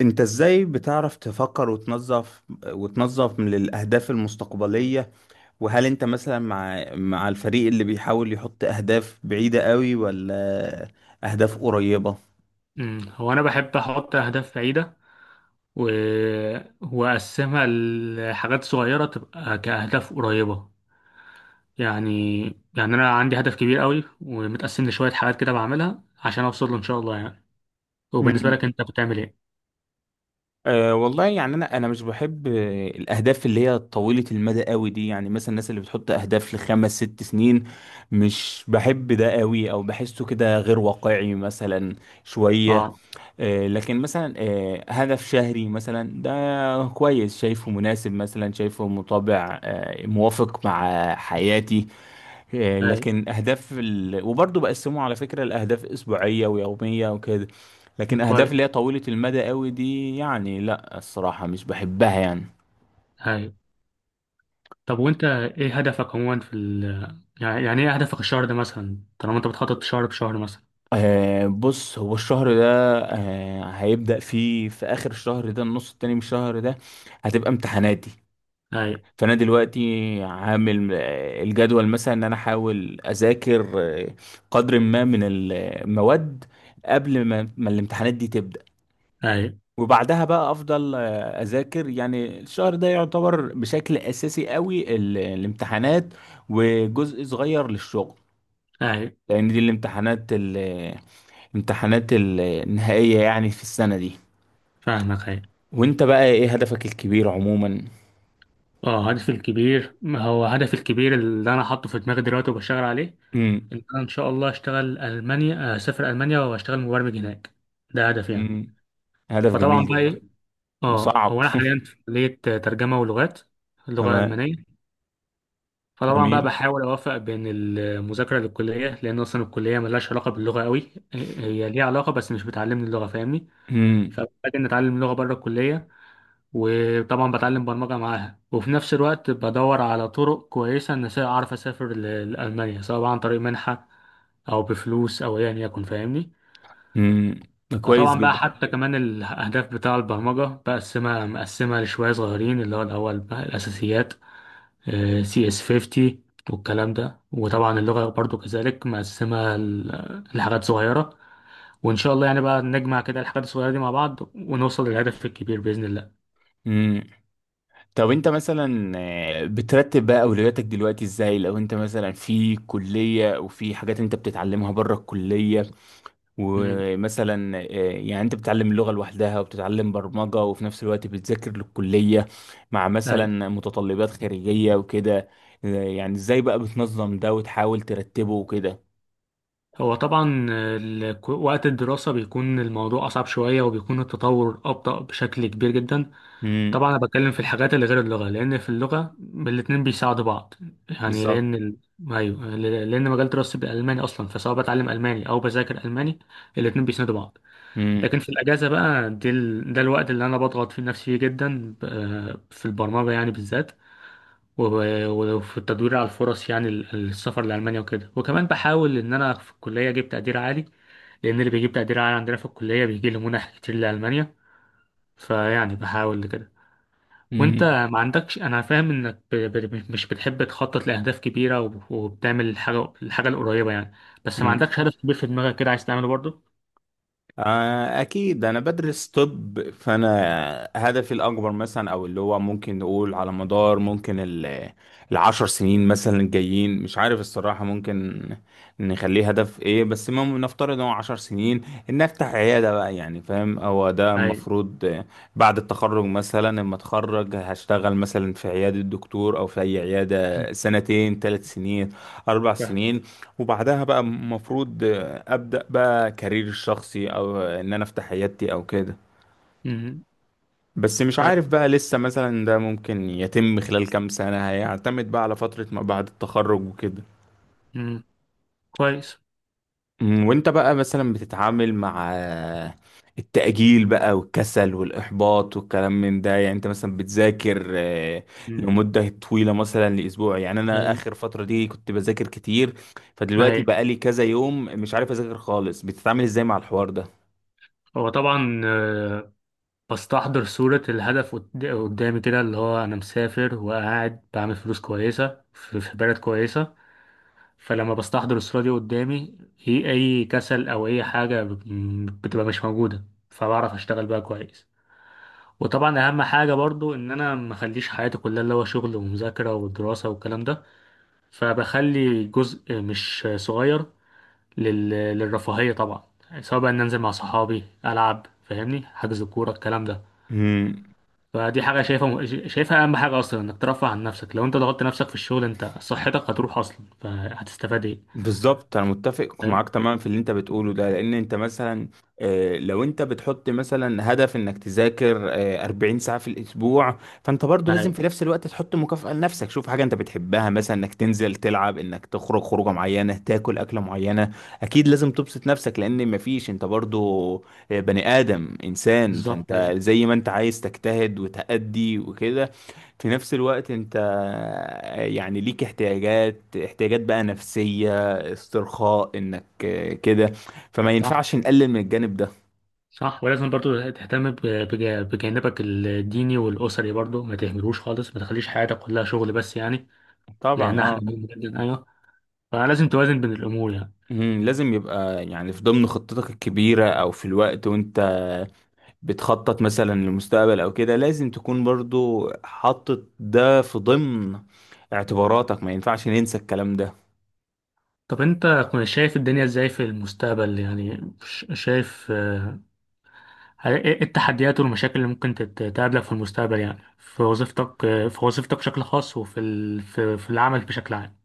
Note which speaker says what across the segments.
Speaker 1: انت ازاي بتعرف تفكر وتنظف من الاهداف المستقبلية؟ وهل انت مثلا مع الفريق اللي بيحاول يحط اهداف بعيدة قوي ولا اهداف قريبة؟
Speaker 2: هو انا بحب احط اهداف بعيده و... واقسمها لحاجات صغيره تبقى كاهداف قريبه. يعني يعني انا عندي هدف كبير قوي ومتقسم لشويه حاجات كده بعملها عشان اوصل له ان شاء الله يعني. وبالنسبه
Speaker 1: مم.
Speaker 2: لك انت بتعمل ايه؟
Speaker 1: أه، والله يعني انا مش بحب الاهداف اللي هي طويله المدى قوي دي، يعني مثلا الناس اللي بتحط اهداف لخمس ست سنين، مش بحب ده قوي او بحسه كده غير واقعي مثلا شويه.
Speaker 2: اه.
Speaker 1: لكن مثلا هدف شهري مثلا ده كويس، شايفه مناسب، مثلا شايفه مطابع موافق مع حياتي.
Speaker 2: هاي.
Speaker 1: لكن أهداف وبرضه بقسمه على فكرة لأهداف أسبوعية ويومية وكده. لكن أهداف اللي هي
Speaker 2: كويس.
Speaker 1: طويلة المدى قوي دي يعني لا الصراحة مش بحبها يعني.
Speaker 2: هاي. طب وانت ايه هدفك عموما يعني ايه هدفك الشهر ده مثلا، طالما انت بتخطط شهر بشهر مثلا؟
Speaker 1: بص، هو الشهر ده هيبدأ فيه في آخر الشهر ده، النص التاني من الشهر ده هتبقى امتحاناتي.
Speaker 2: هاي.
Speaker 1: فانا دلوقتي عامل الجدول، مثلا ان انا احاول اذاكر آه، قدر ما من المواد قبل ما الامتحانات دي تبدا،
Speaker 2: هاي.
Speaker 1: وبعدها بقى افضل اذاكر، يعني الشهر ده يعتبر بشكل اساسي قوي الامتحانات، وجزء صغير للشغل،
Speaker 2: هاي.
Speaker 1: لان دي الامتحانات الامتحانات النهائيه يعني في السنه دي.
Speaker 2: فاهمك. هاي.
Speaker 1: وانت بقى ايه هدفك الكبير عموما؟
Speaker 2: اه، هدفي الكبير، ما هو هدفي الكبير اللي انا حاطه في دماغي دلوقتي وبشتغل عليه،
Speaker 1: امم.
Speaker 2: ان انا ان شاء الله اشتغل المانيا، اسافر المانيا واشتغل مبرمج هناك. ده هدفي يعني.
Speaker 1: امم. هدف
Speaker 2: فطبعا
Speaker 1: جميل
Speaker 2: بقى
Speaker 1: جدا.
Speaker 2: ايه، اه،
Speaker 1: وصعب.
Speaker 2: هو انا حاليا في كليه ترجمه ولغات، اللغه
Speaker 1: تمام.
Speaker 2: الالمانيه. فطبعا بقى
Speaker 1: جميل.
Speaker 2: بحاول اوفق بين المذاكره للكليه، لان اصلا الكليه ملهاش علاقه باللغه قوي، هي ليها علاقه بس مش بتعلمني اللغه، فاهمني؟
Speaker 1: امم.
Speaker 2: فبحتاج ان اتعلم لغه بره الكليه، وطبعا بتعلم برمجة معاها، وفي نفس الوقت بدور على طرق كويسة إن أعرف أسافر لألمانيا، سواء بقى عن طريق منحة أو بفلوس أو أيا يكن، فاهمني؟
Speaker 1: امم. كويس
Speaker 2: فطبعا بقى
Speaker 1: جدا.
Speaker 2: حتى كمان الأهداف بتاع البرمجة مقسمها لشوية صغيرين، اللي هو الأول بقى الأساسيات، سي اس 50 والكلام ده، وطبعا اللغة برضو كذلك مقسمها لحاجات صغيرة، وإن شاء الله يعني بقى نجمع كده الحاجات الصغيرة دي مع بعض ونوصل للهدف الكبير بإذن الله.
Speaker 1: امم. طب انت مثلا بترتب بقى اولوياتك دلوقتي ازاي؟ لو انت مثلا في كلية وفي حاجات انت بتتعلمها بره الكلية،
Speaker 2: امم.
Speaker 1: ومثلا يعني انت بتتعلم اللغة لوحدها وبتتعلم برمجة وفي نفس الوقت بتذاكر للكلية مع مثلا متطلبات خارجية وكده، يعني ازاي بقى بتنظم ده وتحاول ترتبه وكده؟
Speaker 2: هو طبعا وقت الدراسة بيكون الموضوع أصعب شوية وبيكون التطور أبطأ بشكل كبير جدا.
Speaker 1: امم.
Speaker 2: طبعا أنا بتكلم في الحاجات اللي غير اللغة، لأن في اللغة الاتنين بيساعدوا بعض، يعني
Speaker 1: بالظبط.
Speaker 2: أيوه، لأن مجال دراستي بالألماني أصلا، فسواء بتعلم ألماني أو بذاكر ألماني، الاتنين بيساندوا بعض.
Speaker 1: امم.
Speaker 2: لكن في الأجازة بقى دي ده الوقت اللي أنا بضغط فيه نفسي فيه جدا في البرمجة يعني بالذات، وفي التدوير على الفرص، يعني السفر لألمانيا وكده، وكمان بحاول إن أنا في الكلية أجيب تقدير عالي، لأن اللي بيجيب تقدير عالي عندنا في الكلية بيجي له منح كتير لألمانيا، فيعني بحاول لكده. وأنت ما عندكش، أنا فاهم إنك مش بتحب تخطط لأهداف كبيرة، وبتعمل الحاجة القريبة يعني، بس ما
Speaker 1: امم.
Speaker 2: عندكش هدف كبير في دماغك كده عايز تعمله برضه؟
Speaker 1: أكيد أنا بدرس طب، فأنا هدفي الأكبر مثلا، أو اللي هو ممكن نقول على مدار ممكن العشر سنين مثلا الجايين، مش عارف الصراحة، ممكن نخليه هدف إيه، بس المهم نفترض إن هو 10 سنين، إن أفتح عيادة بقى، يعني فاهم؟ هو ده
Speaker 2: أيوة.
Speaker 1: المفروض، بعد التخرج مثلا لما أتخرج هشتغل مثلا في عيادة دكتور أو في أي عيادة سنتين 3 سنين أربع
Speaker 2: فاهم.
Speaker 1: سنين وبعدها بقى المفروض ابدا بقى كارير شخصي او ان انا افتح عيادتي او كده.
Speaker 2: مم.
Speaker 1: بس مش
Speaker 2: كوي-
Speaker 1: عارف بقى لسه، مثلا ده ممكن يتم خلال كام سنة، هيعتمد بقى على فترة ما بعد التخرج وكده.
Speaker 2: مم. كويس.
Speaker 1: أمم. وانت بقى مثلا بتتعامل مع التأجيل بقى والكسل والإحباط والكلام من ده يعني، انت مثلا بتذاكر
Speaker 2: مم.
Speaker 1: لمدة طويلة مثلا لأسبوع، يعني انا
Speaker 2: أيوة.
Speaker 1: آخر فترة دي كنت بذاكر كتير، فدلوقتي
Speaker 2: أيوة.
Speaker 1: بقى لي كذا يوم مش عارف أذاكر خالص، بتتعامل ازاي مع الحوار
Speaker 2: هو طبعا بستحضر صورة الهدف قدامي كده، اللي هو أنا مسافر وقاعد بعمل فلوس كويسة في بلد كويسة. فلما بستحضر الصورة دي قدامي، هي أي كسل أو أي حاجة بتبقى مش موجودة، فبعرف أشتغل بقى كويس. وطبعا أهم حاجة برضو إن أنا مخليش حياتي كلها اللي هو شغل ومذاكرة ودراسة والكلام ده، فبخلي جزء مش صغير للرفاهية طبعا، سواء بقى إن أنزل مع صحابي ألعب، فاهمني، حجز الكورة الكلام ده.
Speaker 1: ده؟
Speaker 2: فدي حاجة شايفها أهم حاجة أصلا، إنك ترفه عن نفسك، لو أنت ضغطت نفسك في الشغل أنت صحتك هتروح أصلا فهتستفاد إيه؟
Speaker 1: بالظبط، انا متفق
Speaker 2: فاهم؟
Speaker 1: معاك تماما في اللي انت بتقوله ده، لان انت مثلا لو انت بتحط مثلا هدف انك تذاكر 40 ساعة في الاسبوع، فانت برضو لازم في
Speaker 2: أيوة،
Speaker 1: نفس الوقت تحط مكافأة لنفسك، شوف حاجة انت بتحبها، مثلا انك تنزل تلعب، انك تخرج خروجة معينة، تاكل اكلة معينة، اكيد لازم تبسط نفسك، لان مفيش، انت برضو بني ادم انسان،
Speaker 2: بالظبط.
Speaker 1: فانت
Speaker 2: أيوة.
Speaker 1: زي ما انت عايز تجتهد وتأدي وكده، في نفس الوقت انت يعني ليك احتياجات بقى نفسية، استرخاء، انك كده، فما
Speaker 2: صح.
Speaker 1: ينفعش نقلل من الجانب ده.
Speaker 2: صح، ولازم برضو تهتم بجانبك الديني والأسري برضو، ما تهملوش خالص، ما تخليش حياتك كلها شغل بس يعني،
Speaker 1: طبعا
Speaker 2: لأنها حاجة
Speaker 1: اه.
Speaker 2: مهمة جدا، أيوة، فلازم توازن بين الأمور يعني.
Speaker 1: لازم يبقى يعني في ضمن خطتك الكبيرة او في الوقت وانت بتخطط مثلا للمستقبل او كده، لازم تكون برضو حاطط ده في ضمن اعتباراتك، ما ينفعش ننسى الكلام ده.
Speaker 2: طب أنت شايف الدنيا إزاي في المستقبل؟ يعني شايف إيه التحديات والمشاكل اللي ممكن تقابلك في المستقبل، يعني في وظيفتك، في وظيفتك بشكل خاص، في العمل بشكل عام؟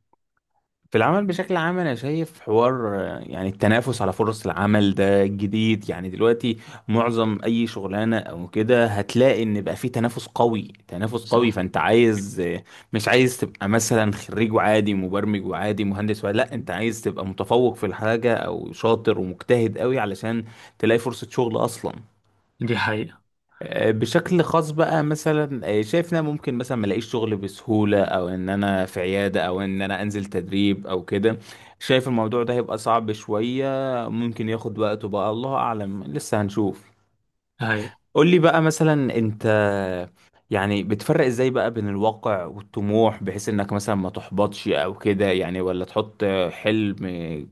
Speaker 1: في العمل بشكل عام، انا شايف حوار يعني التنافس على فرص العمل ده جديد يعني دلوقتي، معظم اي شغلانه او كده هتلاقي ان بقى في تنافس قوي، تنافس قوي،
Speaker 2: صح.
Speaker 1: فانت عايز مش عايز تبقى مثلا خريج وعادي، مبرمج وعادي، مهندس، ولا لا،
Speaker 2: مم.
Speaker 1: انت عايز تبقى متفوق في الحاجه، او شاطر ومجتهد قوي علشان تلاقي فرصه شغل اصلا.
Speaker 2: دي حقيقة.
Speaker 1: بشكل خاص بقى مثلا شايف ان انا ممكن مثلا ما الاقيش شغل بسهوله، او ان انا في عياده، او ان انا انزل تدريب او كده، شايف الموضوع ده هيبقى صعب شويه، ممكن ياخد وقته بقى، الله اعلم، لسه هنشوف.
Speaker 2: أيوة.
Speaker 1: قول لي بقى مثلا، انت يعني بتفرق ازاي بقى بين الواقع والطموح بحيث انك مثلا ما تحبطش او كده، يعني ولا تحط حلم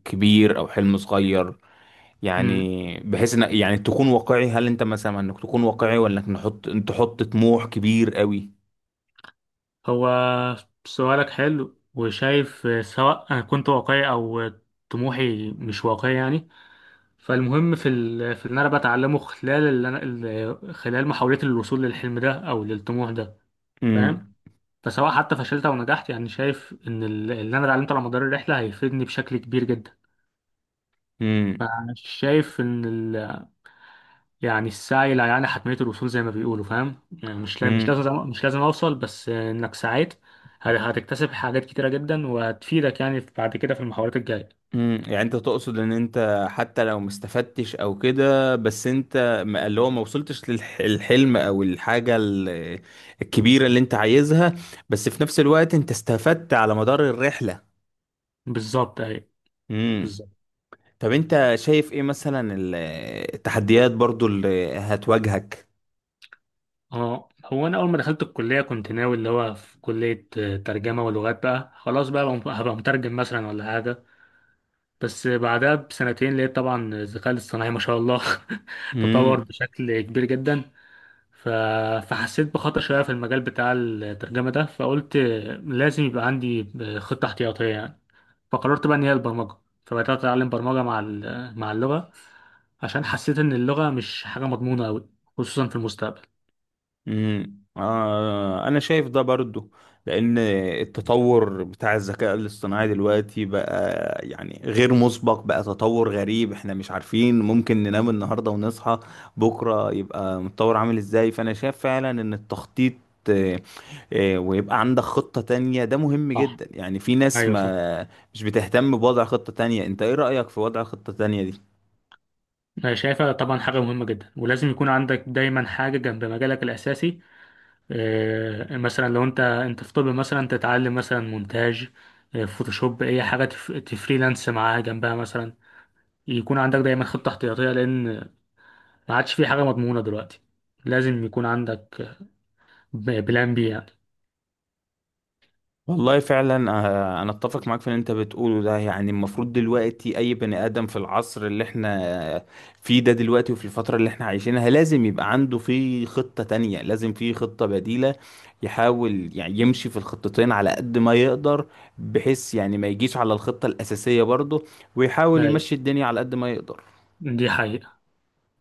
Speaker 1: كبير او حلم صغير،
Speaker 2: أمم.
Speaker 1: يعني بحيث ان يعني تكون واقعي؟ هل انت مثلا انك تكون واقعي ولا انك تحط طموح كبير قوي؟
Speaker 2: هو سؤالك حلو، وشايف سواء أنا كنت واقعي أو طموحي مش واقعي يعني، فالمهم في اللي أنا بتعلمه خلال خلال محاولتي للوصول للحلم ده أو للطموح ده، فاهم؟
Speaker 1: امم.
Speaker 2: فسواء حتى فشلت او نجحت، يعني شايف ان اللي انا اتعلمته على مدار الرحله هيفيدني بشكل كبير جدا.
Speaker 1: امم.
Speaker 2: انا شايف ان يعني السعي لا يعني حتميه الوصول زي ما بيقولوا، فاهم؟ يعني مش لا- مش
Speaker 1: امم.
Speaker 2: لازم مش لازم اوصل، بس انك سعيت هتكتسب حاجات كتيره جدا، وهتفيدك يعني بعد كده في المحاولات الجايه.
Speaker 1: امم. يعني انت تقصد ان انت حتى لو ما استفدتش او كده، بس انت اللي هو ما وصلتش للحلم او الحاجة الكبيرة اللي انت عايزها، بس في نفس الوقت انت استفدت على مدار الرحلة.
Speaker 2: بالظبط اهي.
Speaker 1: امم.
Speaker 2: بالظبط.
Speaker 1: طب انت شايف ايه مثلا التحديات برضو اللي هتواجهك؟
Speaker 2: اه، هو انا اول ما دخلت الكليه كنت ناوي اللي هو في كليه، ترجمه ولغات بقى، خلاص بقى هبقى مترجم مثلا ولا حاجه. بس بعدها بسنتين لقيت طبعا الذكاء الاصطناعي ما شاء الله تطور بشكل كبير جدا. ف... فحسيت بخطر شوية في المجال بتاع الترجمة ده، فقلت لازم يبقى عندي خطة احتياطية يعني، فقررت بقى إن هي البرمجة، فبدأت أتعلم برمجة مع مع اللغة، عشان حسيت إن اللغة مش حاجة مضمونة أوي، خصوصا في المستقبل.
Speaker 1: امم. انا شايف ده برضو، لان التطور بتاع الذكاء الاصطناعي دلوقتي بقى يعني غير مسبق بقى، تطور غريب، احنا مش عارفين، ممكن ننام النهارده ونصحى بكره يبقى متطور عامل ازاي، فانا شايف فعلا ان التخطيط آه، ويبقى عندك خطة تانية ده مهم
Speaker 2: صح.
Speaker 1: جدا، يعني في ناس
Speaker 2: أيوه، صح.
Speaker 1: ما مش بتهتم بوضع خطة تانية، انت ايه رأيك في وضع خطة تانية دي؟
Speaker 2: أنا شايفها طبعا حاجة مهمة جدا، ولازم يكون عندك دايما حاجة جنب مجالك الأساسي. مثلا لو انت في طب، مثلا تتعلم مثلا مونتاج، فوتوشوب، اي حاجه تفريلانس معاها جنبها مثلا، يكون عندك دايما خطه احتياطيه، لان ما عادش في حاجه مضمونه دلوقتي، لازم يكون عندك بلان بي يعني.
Speaker 1: والله فعلا انا اتفق معاك في اللي انت بتقوله ده، يعني المفروض دلوقتي اي بني ادم في العصر اللي احنا فيه ده دلوقتي وفي الفترة اللي احنا عايشينها لازم يبقى عنده في خطة تانية، لازم في خطة بديلة، يحاول يعني يمشي في الخطتين على قد ما يقدر، بحيث يعني ما يجيش على الخطة الأساسية برضه، ويحاول
Speaker 2: أيوة،
Speaker 1: يمشي الدنيا على قد ما يقدر.
Speaker 2: دي حقيقة.